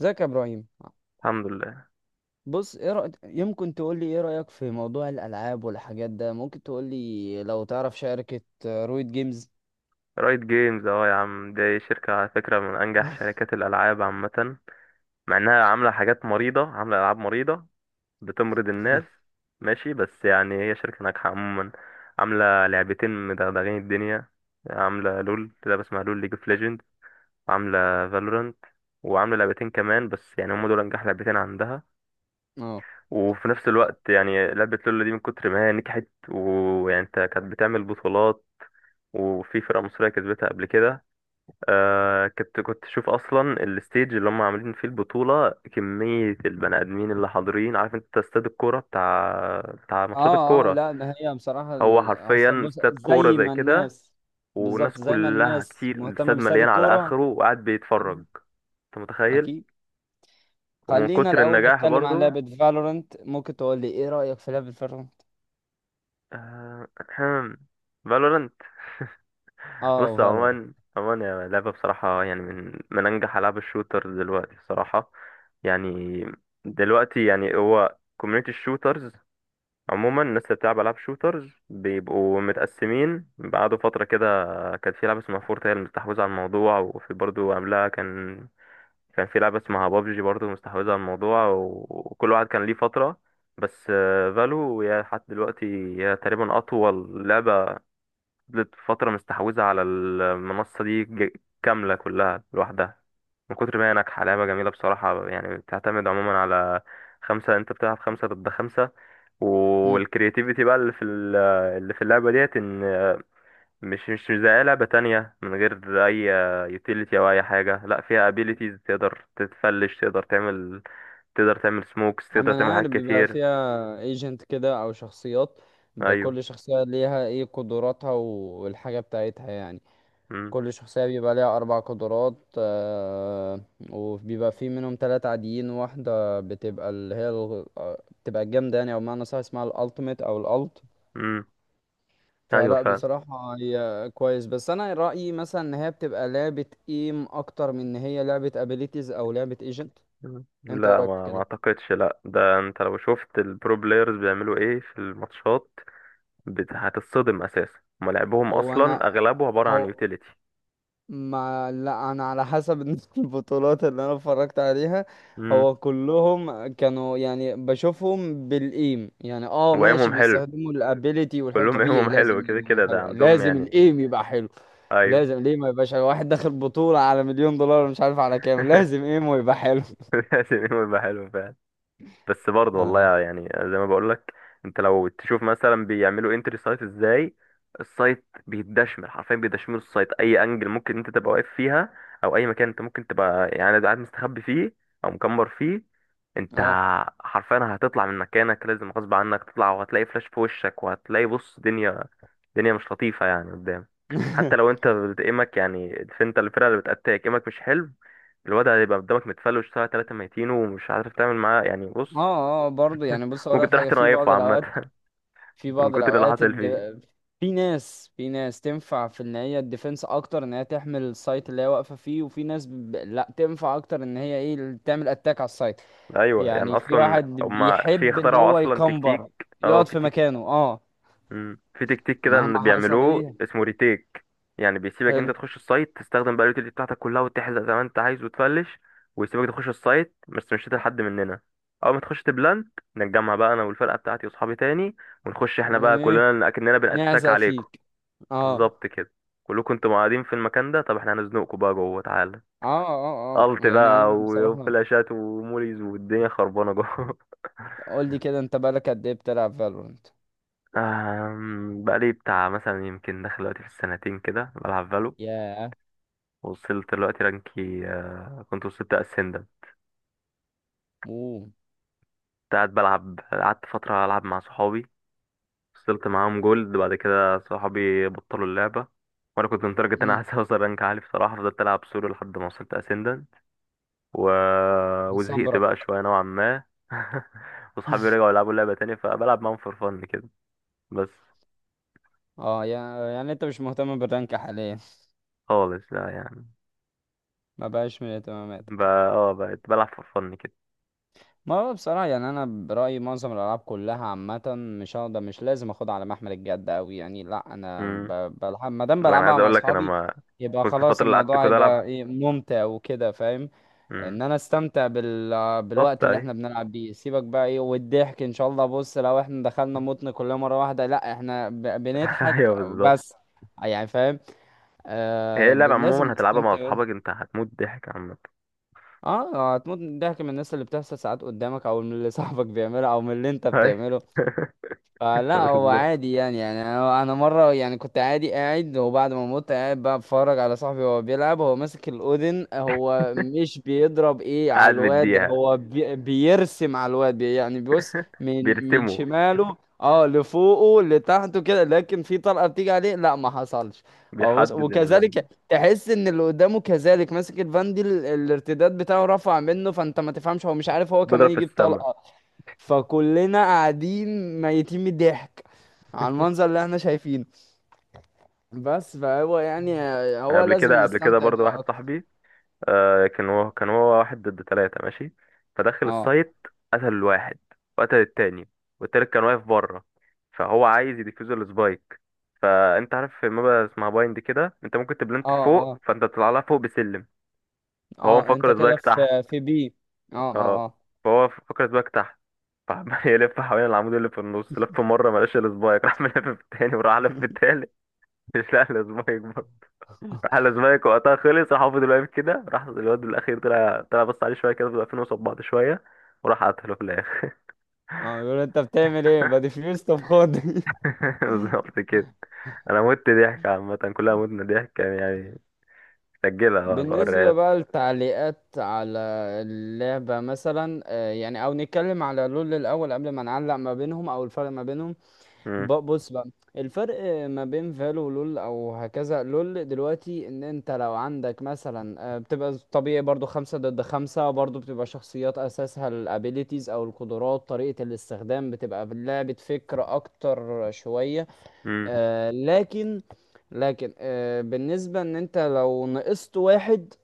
ازيك يا ابراهيم؟ الحمد لله. بص، ايه رأيك؟ يمكن تقول لي ايه رأيك في موضوع الالعاب والحاجات ده؟ ممكن تقول لي لو تعرف شركة رويد جيمز؟ رايت جيمز، يا عم دي شركة على فكرة من أنجح شركات الألعاب عامة، مع إنها عاملة حاجات مريضة، عاملة ألعاب مريضة، بتمرض الناس. ماشي، بس يعني هي شركة ناجحة عموما. عاملة لعبتين مدغدغين الدنيا، عاملة لول، لعبة اسمها لول، ليج اوف ليجند، وعاملة فالورانت، وعاملة لعبتين كمان. بس يعني هم دول أنجح لعبتين عندها. اه وفي نفس الوقت يعني لعبة لول دي من كتر ما هي نجحت، ويعني انت، كانت بتعمل بطولات، وفي فرقة مصرية كسبتها قبل كده. كنت اشوف اصلا الستيج اللي هم عاملين فيه البطوله، كميه البني ادمين اللي حاضرين، عارف انت استاد الكوره بتاع ماتشات اه الكوره؟ لا، ما هي بصراحة هو أصل، حرفيا بص استاد كوره زي زي ما كده، الناس... بالظبط والناس زي ما كلها الناس كتير، مهتمة الاستاد باستاد مليان على الكورة. اخره وقاعد مم. بيتفرج. انت متخيل؟ اكيد. ومن خلينا كتر الاول النجاح نتكلم عن برضو، لعبة فالورنت. ممكن تقول لي ايه رأيك في لعبة فالورنت؟ آه فالورانت. اه، بص، فالورنت. عموما عموما يا لعبة، بصراحة يعني من أنجح ألعاب الشوترز دلوقتي بصراحة. يعني دلوقتي يعني هو كوميونيتي الشوترز عموما، الناس اللي بتلعب ألعاب شوترز بيبقوا متقسمين بعد فترة كده. كان في لعبة اسمها فورت هي اللي مستحوذة على الموضوع، وفي برضه قبلها كان في لعبة اسمها بابجي برضه مستحوذة على الموضوع، وكل واحد كان ليه فترة. بس فالو هي لحد دلوقتي، هي تقريبا أطول لعبة فضلت فترة مستحوذة على المنصة دي كاملة كلها لوحدها. من كتر ما هي ناجحة، لعبة جميلة بصراحة، يعني بتعتمد عموما على خمسة، انت بتلعب خمسة ضد خمسة، والكرياتيفيتي بقى اللي في اللي في اللعبة ديت ان مش زي أي لعبة تانية من غير أي يوتيليتي أو أي حاجة. لا، فيها ابيليتيز، تقدر تتفلش، تقدر تعمل، تقدر تعمل سموكس، عم، تقدر تعمل انا حاجات عارف بيبقى كتير. فيها ايجنت كده او شخصيات، أيوه. بكل شخصية ليها ايه قدراتها والحاجة بتاعتها يعني. امم. كل شخصية بيبقى ليها اربع قدرات. وبيبقى في منهم ثلاثة عاديين، واحدة بتبقى اللي هي بتبقى الجامدة يعني، او بمعنى صح اسمها الالتيميت او الالت. امم. أيوه فلا، فعلا. بصراحة هي كويس، بس انا رأيي مثلا ان هي بتبقى لعبة ايم اكتر من ان هي لعبة ابيليتيز او لعبة ايجنت. مم. انت إيه لا، رأيك في ما كده؟ اعتقدش. لا، ده انت لو شفت البرو بلايرز بيعملوا ايه في الماتشات. هتتصدم اساسا، هما لعبهم هو اصلا انا اغلبه عبارة عن او يوتيليتي. ما لا، انا على حسب البطولات اللي انا اتفرجت عليها. امم. هو كلهم كانوا يعني بشوفهم بالايم، يعني وايمهم ماشي، حلو، بيستخدموا الابيليتي، والحلو كلهم طبيعي، ايمهم لازم حلو كده يبقوا كده ده حلوة، عندهم لازم يعني. الايم يبقى حلو. ايوه. لازم ليه ما يبقاش حلو؟ واحد داخل بطولة على مليون دولار مش عارف على كام، لازم ايمه يبقى حلو. لازم ايمهم يبقى حلو فعلا. بس برضه اه، والله يعني زي ما بقولك، انت لو تشوف مثلا بيعملوا انتري سايت ازاي، السايت بيتدشمل حرفيا، بيدشملوا السايت، اي انجل ممكن انت تبقى واقف فيها، او اي مكان انت ممكن تبقى يعني قاعد مستخبي فيه، او مكمر فيه، انت اه. حرفيا هتطلع من مكانك لازم غصب عنك تطلع، وهتلاقي فلاش في وشك، وهتلاقي بص دنيا، دنيا مش لطيفة يعني قدام. حتى لو انت بتقيمك يعني انت، الفرقة اللي بتقتلك قيمك مش حلو، الواد هيبقى قدامك متفلوش ساعة تلاتة ميتين، ومش عارف تعمل معاه يعني بص، اه، اه، برضه يعني، بص اقول ممكن لك تروح حاجه في بعض تنايفه الاوقات. عامة. في من بعض كتر اللي الاوقات حصل الد... فيه. في ناس، تنفع في ان هي الديفنس اكتر، ان هي تحمل السايت اللي هي واقفه فيه، وفي ناس لا تنفع اكتر ان هي ايه تعمل اتاك على السايت. أيوة، يعني يعني في أصلا واحد هما في بيحب ان اخترعوا هو أصلا تكتيك. يكمبر، اه يقعد في في تك... مكانه اه مم. في تكتيك كده مهما إن حصل بيعملوه ايه. اسمه ريتيك، يعني بيسيبك أنت حلو. تخش السايت تستخدم بقى اليوتيلتي بتاعتك كلها وتحزق زي ما أنت عايز وتفلش، ويسيبك تخش السايت، بس مش هتلاقي حد مننا. أول ما تخش تبلانت، نتجمع بقى أنا والفرقة بتاعتي وأصحابي تاني، ونخش إحنا بقى وايه. كلنا أكننا بنأتاك نعزق عليكم. فيك. اه، بالظبط كده، كلكم انتوا قاعدين في المكان ده، طب احنا هنزنقكم بقى جوه تعالى، اه، اه، اه، الت يعني بقى انا بصراحه... وفلاشات وموليز والدنيا خربانه جوه. قول لي كده، انت بقالك قد ايه بتلعب فالورنت؟ بقالي بتاع مثلا يمكن داخل دلوقتي في السنتين كده بلعب فالو، ياه. وصلت دلوقتي رانكي كنت وصلت اسندم. اوه. كنت قاعد بلعب، قعدت فترة ألعب مع صحابي، وصلت معاهم جولد، بعد كده صحابي بطلوا اللعبة، وأنا كنت لدرجة إن أنا مم. عايز أوصل رانك عالي بصراحة، فضلت ألعب سولو لحد ما وصلت أسندن، و... وزهقت صبرك. بقى شوية نوعا ما. وصحابي رجعوا يلعبوا لعبة تانية، فبلعب معاهم فور فن كده بس. اه، يعني انت مش مهتم بالرانك حاليا؟ خالص لا يعني، ما بقاش من اهتماماتك. بقى اه بقيت بلعب في فن كده. ما هو بصراحة يعني انا برأيي معظم الالعاب كلها عامة مش هقدر، مش لازم اخدها على محمل الجد اوي، يعني لا، انا امم. بلعب ما دام لا انا عايز بلعبها مع اقول لك انا اصحابي. ما يبقى كنت، خلاص الفتره اللي قعدت الموضوع كده هيبقى العب. ايه، ممتع وكده، فاهم؟ امم. ان انا استمتع بالظبط بالوقت اللي ايوه. احنا بنلعب بيه، سيبك بقى ايه، والضحك ان شاء الله. بص، لو احنا دخلنا متن كلنا مرة واحدة، لا، احنا ايوه بنضحك بالظبط. بس. يعني فاهم؟ هي اللعبه لازم عموما هتلعبها مع تستمتع. اصحابك انت، هتموت ضحك عامه. اه، هتموت من الضحك، من الناس اللي بتحصل ساعات قدامك، او من اللي صاحبك بيعمله، او من اللي انت ايوه. بتعمله. فلا، هو بالظبط، عادي يعني. يعني انا مره يعني كنت عادي قاعد، وبعد ما مت قاعد بقى بتفرج على صاحبي وهو بيلعب، هو ماسك الاودن، هو مش بيضرب ايه على قاعد الواد، مديها، هو بيرسم على الواد بي يعني، بيبص من بيرسموا، شماله، لفوقه، لتحته كده، لكن في طلقه بتيجي عليه، لا، ما حصلش. هو بص، بيحدد ال... وكذلك تحس ان اللي قدامه كذلك ماسك الفاندي، الارتداد بتاعه رفع منه، فانت ما تفهمش، هو مش عارف هو بيضرب كمان في يجيب السما. طلقه. فكلنا قاعدين ميتين من الضحك على المنظر اللي احنا شايفينه. بس فهو يعني، يعني هو قبل لازم كده قبل كده نستمتع برضه بيه واحد اكتر. صاحبي، آه كان هو واحد ضد ثلاثة ماشي، فدخل اه، السايت، قتل الواحد، وقتل التاني، والتالت كان واقف بره، فهو عايز يديفيوز السبايك. فانت عارف في مابا اسمها بايند كده، انت ممكن اه، تبلنت فوق، اه، فانت بتطلع لها فوق بسلم، فهو اه، انت مفكر كده السبايك تحت. في بي. اه، اه، اه، اه. فهو مفكر السبايك تحت. فعمال يلف حوالين العمود اللي في النص، لف مرة ملاش السبايك، راح ملف في التاني، وراح لف في التالت، مش لاقي السبايك. راح الأسبانيك وقتها خلص، راح فضل واقف كده، راح الواد الأخير طلع، طلع بص عليه شوية كده، فضل واقفين قصاد بعض شوية، وراح قتله في الآخر. اه، بيقول انت بتعمل ايه بديفيوز؟ طب خد. بالظبط كده. أنا مت ضحك عامة، كلها متنا ضحك كان يعني. سجلها بقى بوريها بالنسبة لك. بقى للتعليقات على اللعبة مثلا، يعني، او نتكلم على لول الاول قبل ما نعلق ما بينهم او الفرق ما بينهم. مم. بص بقى، الفرق ما بين فالو ولول، او هكذا لول دلوقتي، ان انت لو عندك مثلا، بتبقى طبيعي برضو خمسة ضد خمسة، برضو بتبقى شخصيات اساسها الابيليتيز او القدرات، طريقة الاستخدام، بتبقى لعبة فكر اكتر شوية. مم. لكن. لكن بالنسبة ان انت لو نقصت واحد،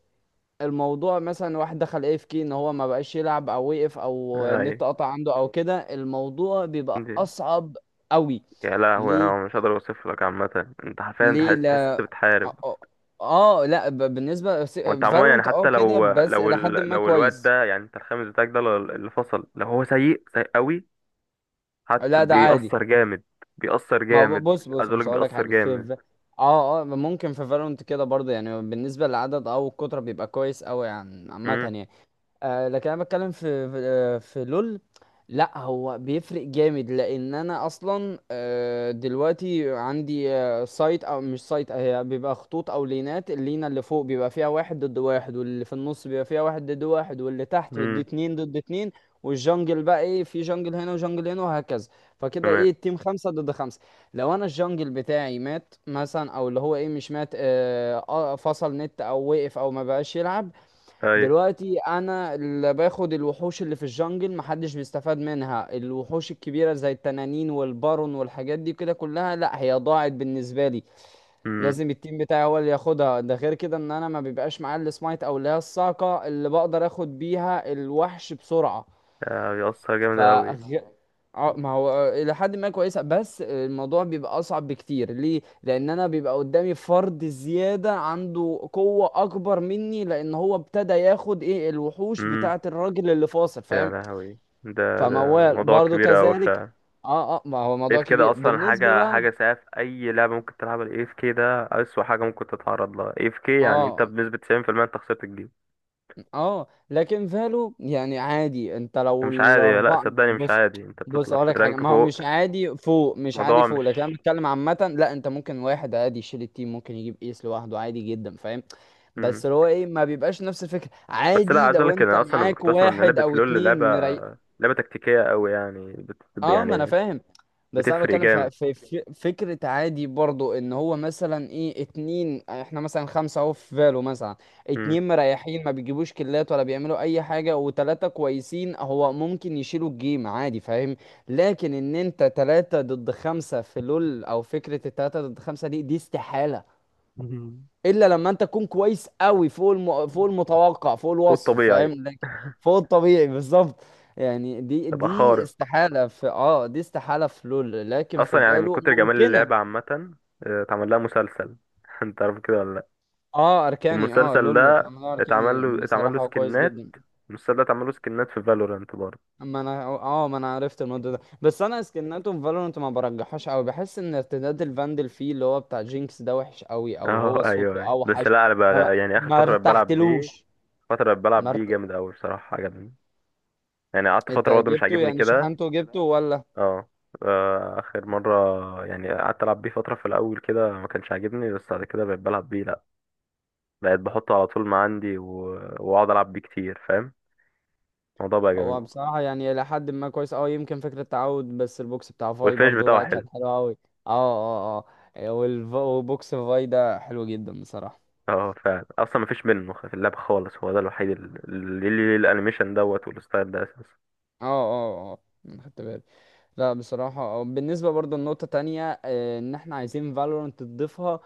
الموضوع مثلا واحد دخل اف كي ان هو ما بقاش يلعب، او وقف، او أيوة. النت قطع عنده او كده، الموضوع بيبقى دي- اصعب قوي. يا لهوي، ليه؟ أنا مش هقدر أوصف لك عامة، أنت حرفيا أنت ليه، تحس أنت لا. بتحارب. اه. لا، بالنسبه وأنت عموما يعني فالورنت حتى كده بس الى حد ما لو الواد كويس. ده يعني، أنت الخامس بتاعك ده اللي فصل، لو هو سيء سيء قوي، حتى لا، ده عادي. بيأثر جامد. بيأثر ما هو جامد بص، عايز بص، اقولك بص، اقول لك بيأثر حاجه في جامد. اه ممكن في فالورنت كده برضه، يعني بالنسبه للعدد او الكتره بيبقى كويس قوي، يعني عامه امم. يعني. لكن انا بتكلم في في لول. لا، هو بيفرق جامد، لان انا اصلا دلوقتي عندي سايت، او مش سايت، هي بيبقى خطوط او لينات، اللينه اللي فوق بيبقى فيها واحد ضد واحد، واللي في النص بيبقى فيها واحد ضد واحد، واللي تحت ضد امم. اتنين، ضد اتنين، والجنجل بقى ايه، في جنجل هنا وجنجل هنا وهكذا، فكده تمام. ايه، التيم خمسة ضد خمسة. لو انا الجنجل بتاعي مات مثلا، او اللي هو ايه مش مات، فصل نت او وقف او ما بقاش يلعب، ايوه. دلوقتي انا اللي باخد الوحوش اللي في الجنجل، محدش بيستفاد منها، الوحوش الكبيره زي التنانين والبارون والحاجات دي كده كلها، لا هي ضاعت بالنسبه لي. امم. لازم التيم بتاعي هو اللي ياخدها. ده غير كده ان انا ما بيبقاش معايا السمايت، او اللي هي الصاعقه اللي بقدر اخد بيها الوحش بسرعه. آه، بيأثر جامد ف اوي. ما هو الى حد ما كويسه، بس الموضوع بيبقى اصعب بكتير. ليه؟ لان انا بيبقى قدامي فرد زياده عنده قوه اكبر مني، لان هو ابتدى ياخد ايه، الوحوش امم. بتاعه الراجل اللي فاصل، يا فاهم؟ لهوي، ده فموال موضوع برضو كبير اوي كذلك. فعلا. اه، اه، ما هو موضوع اف كده كبير اصلا، بالنسبه حاجه بقى. حاجه سيئه في اي لعبه ممكن تلعبها الاف كي ده، اسوأ حاجه ممكن تتعرض لها اف كي، يعني انت اه، بنسبه 90% انت خسرت الجيم. اه، لكن فالو يعني عادي انت ده لو مش عادي، لا الاربعه صدقني مش بص. عادي، انت بص بتطلع اقول في لك حاجه، الرانك ما هو فوق. مش عادي فوق، مش عادي الموضوع فوق، مش، لكن انا بتكلم عامه. لا، انت ممكن واحد عادي يشيل التيم، ممكن يجيب ايس لوحده عادي جدا، فاهم؟ امم. بس اللي هو ايه، ما بيبقاش نفس الفكره، بس لا عادي عايز اقول لو لك إن انت انا اصلا لما معاك كنت بسمع ان واحد لعبه او لول لعبه اتنين مري. لعبه تكتيكيه قوي يعني اه، ما انا يعني فاهم. بس انا بتفرق بتكلم في جامد. فكره عادي برضو، ان هو مثلا ايه اتنين، احنا مثلا خمسه اهو في فالو مثلا، مم. اتنين مريحين ما بيجيبوش كلات ولا بيعملوا اي حاجه وتلاته كويسين، هو ممكن يشيلوا الجيم عادي، فاهم؟ لكن ان انت تلاته ضد خمسه في لول، او فكره التلاته ضد خمسه دي استحاله، مهم. الا لما انت تكون كويس قوي فوق فوق المتوقع، فوق الوصف، والطبيعي فاهم؟ لكن فوق الطبيعي بالظبط. يعني دي تبقى دي خارق. استحالة في، دي استحالة في لول، لكن اصلا في يعني من فالو كتر جمال اللعبه ممكنة. عامه، آه، اتعمل لها مسلسل. انت عارف كده ولا لا؟ اه، اركاني. اه والمسلسل لول ده تعملها اتعمل اركاني، له بصراحة هو كويس سكنات، جدا. المسلسل ده اتعمل له سكنات في فالورانت برضه. اما انا ما انا عرفت الموضوع ده، بس انا سكناته في فالورانت ما برجحهاش قوي، بحس ان ارتداد الفاندل فيه اللي هو بتاع جينكس ده وحش قوي، او اه هو ايوه صوته ايوه. بس اوحش. لا انا بقى ما, يعني اخر ما فتره بقيت بلعب بيه، ارتحتلوش. فتره بقيت ما بلعب بيه ارت... جامد قوي بصراحه عجبني. يعني قعدت انت فتره برضه مش جبته، عاجبني يعني كده، شحنته جبته ولا؟ اه اخر مرة يعني قعدت العب بيه فترة في الاول كده، ما كانش عاجبني، بس بعد كده بقيت بلعب بيه. لا بقيت بحطه على طول ما عندي واقعد العب بيه كتير فاهم، الموضوع بقى جميل. هو بصراحة يعني إلى حد ما كويس أوي، يمكن فكرة تعود، بس البوكس بتاع فاي والفينش برضو، بتاعه لأ حلو. كانت حلوة أوي. اه، اه، اه. وبوكس فاي ده حلو جدا بصراحة. اه فعلا، اصلا ما فيش منه في اللعبة خالص، هو ده الوحيد اللي ليه الانيميشن دوت والستايل ده اساسا. اه، اه، اه. أنا خدت بالي. لا، بصراحة، بالنسبة برضو لنقطة تانية، إن إحنا عايزين فالورانت تضيفها،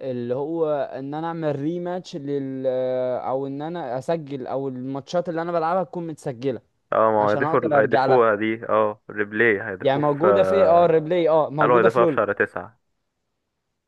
اللي هو إن أنا أعمل ريماتش لل أو إن أنا أسجل، أو الماتشات اللي أنا بلعبها تكون متسجلة اه، ما هو عشان أقدر أرجع لها. هيضيفوها دي، اه ريبلاي يعني هيضيفوه في، موجودة في الريبلاي، قالوا موجودة في هيضيفوها في لول، شهر 9.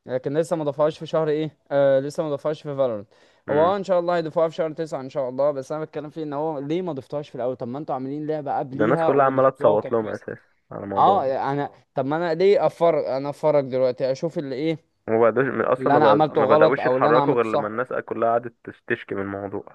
لكن لسه ما ضافوهاش في شهر ايه، لسه ما ضافوهاش في فالورنت. هو امم. ان شاء الله هيضيفوها في شهر 9 ان شاء الله، بس انا بتكلم فيه ان هو ليه ما ضفتوهاش في الاول؟ طب ما انتوا عاملين لعبة ده الناس قبليها كلها عمالة وضفتوها تصوت وكان لهم كويس. اساسا على الموضوع اه. ده. انا طب ما انا ليه افرج؟ انا افرج دلوقتي اشوف اللي ايه وما بقدوش اصلا، اللي انا عملته ما غلط بدأوش او اللي انا يتحركوا غير عملته لما صح. الناس كلها قعدت تشكي من الموضوع.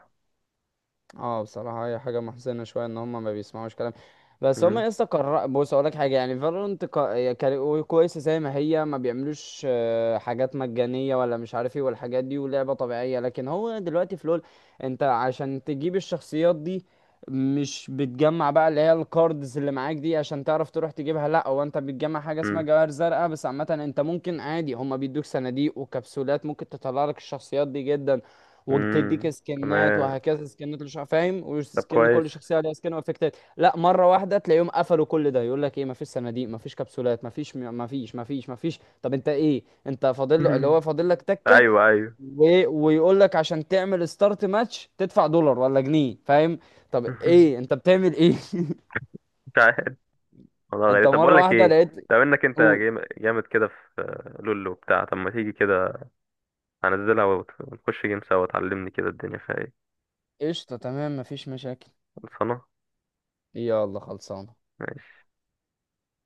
اه، بصراحة هي حاجة محزنة شوية، ان هما ما بيسمعوش كلام. بس مم. هما لسه قرر، بص اقول لك حاجة يعني، فالورانت هي كويسة زي ما هي، ما بيعملوش حاجات مجانية ولا مش عارف ايه والحاجات دي، ولعبة طبيعية، لكن هو دلوقتي في لول، انت عشان تجيب الشخصيات دي مش بتجمع بقى اللي هي الكاردز اللي معاك دي عشان تعرف تروح تجيبها، لا، هو انت بتجمع حاجة اسمها مم. جواهر زرقاء، بس عامة انت ممكن عادي هما بيدوك صناديق وكبسولات، ممكن تطلع لك الشخصيات دي جدا، وتديك مم. سكنات، تمام، وهكذا سكنات، مش فاهم، طب وسكن كل كويس. شخصيه ليها سكن وافكتات، لا، مره واحده تلاقيهم قفلوا كل ده، يقول لك ايه، مفيش صناديق، مفيش كبسولات، مفيش، مفيش، مفيش، مفيش، طب انت ايه انت فاضل له؟ اللي هو فاضل لك تكه. ايوه ايوه. و... ويقول لك عشان تعمل ستارت ماتش تدفع دولار ولا جنيه، فاهم؟ طب ايه انت بتعمل ايه؟ مش عارف والله، انت غريب. طب بقول مره لك واحده ايه، لقيت. طب انك انت قول. جامد كده في لولو بتاع، طب ما تيجي كده، هنزلها ونخش جيم سوا، تعلمني كده الدنيا فيها ايه. قشطه، تمام، مفيش مشاكل. خلصانه. يلا خلصانه. ماشي.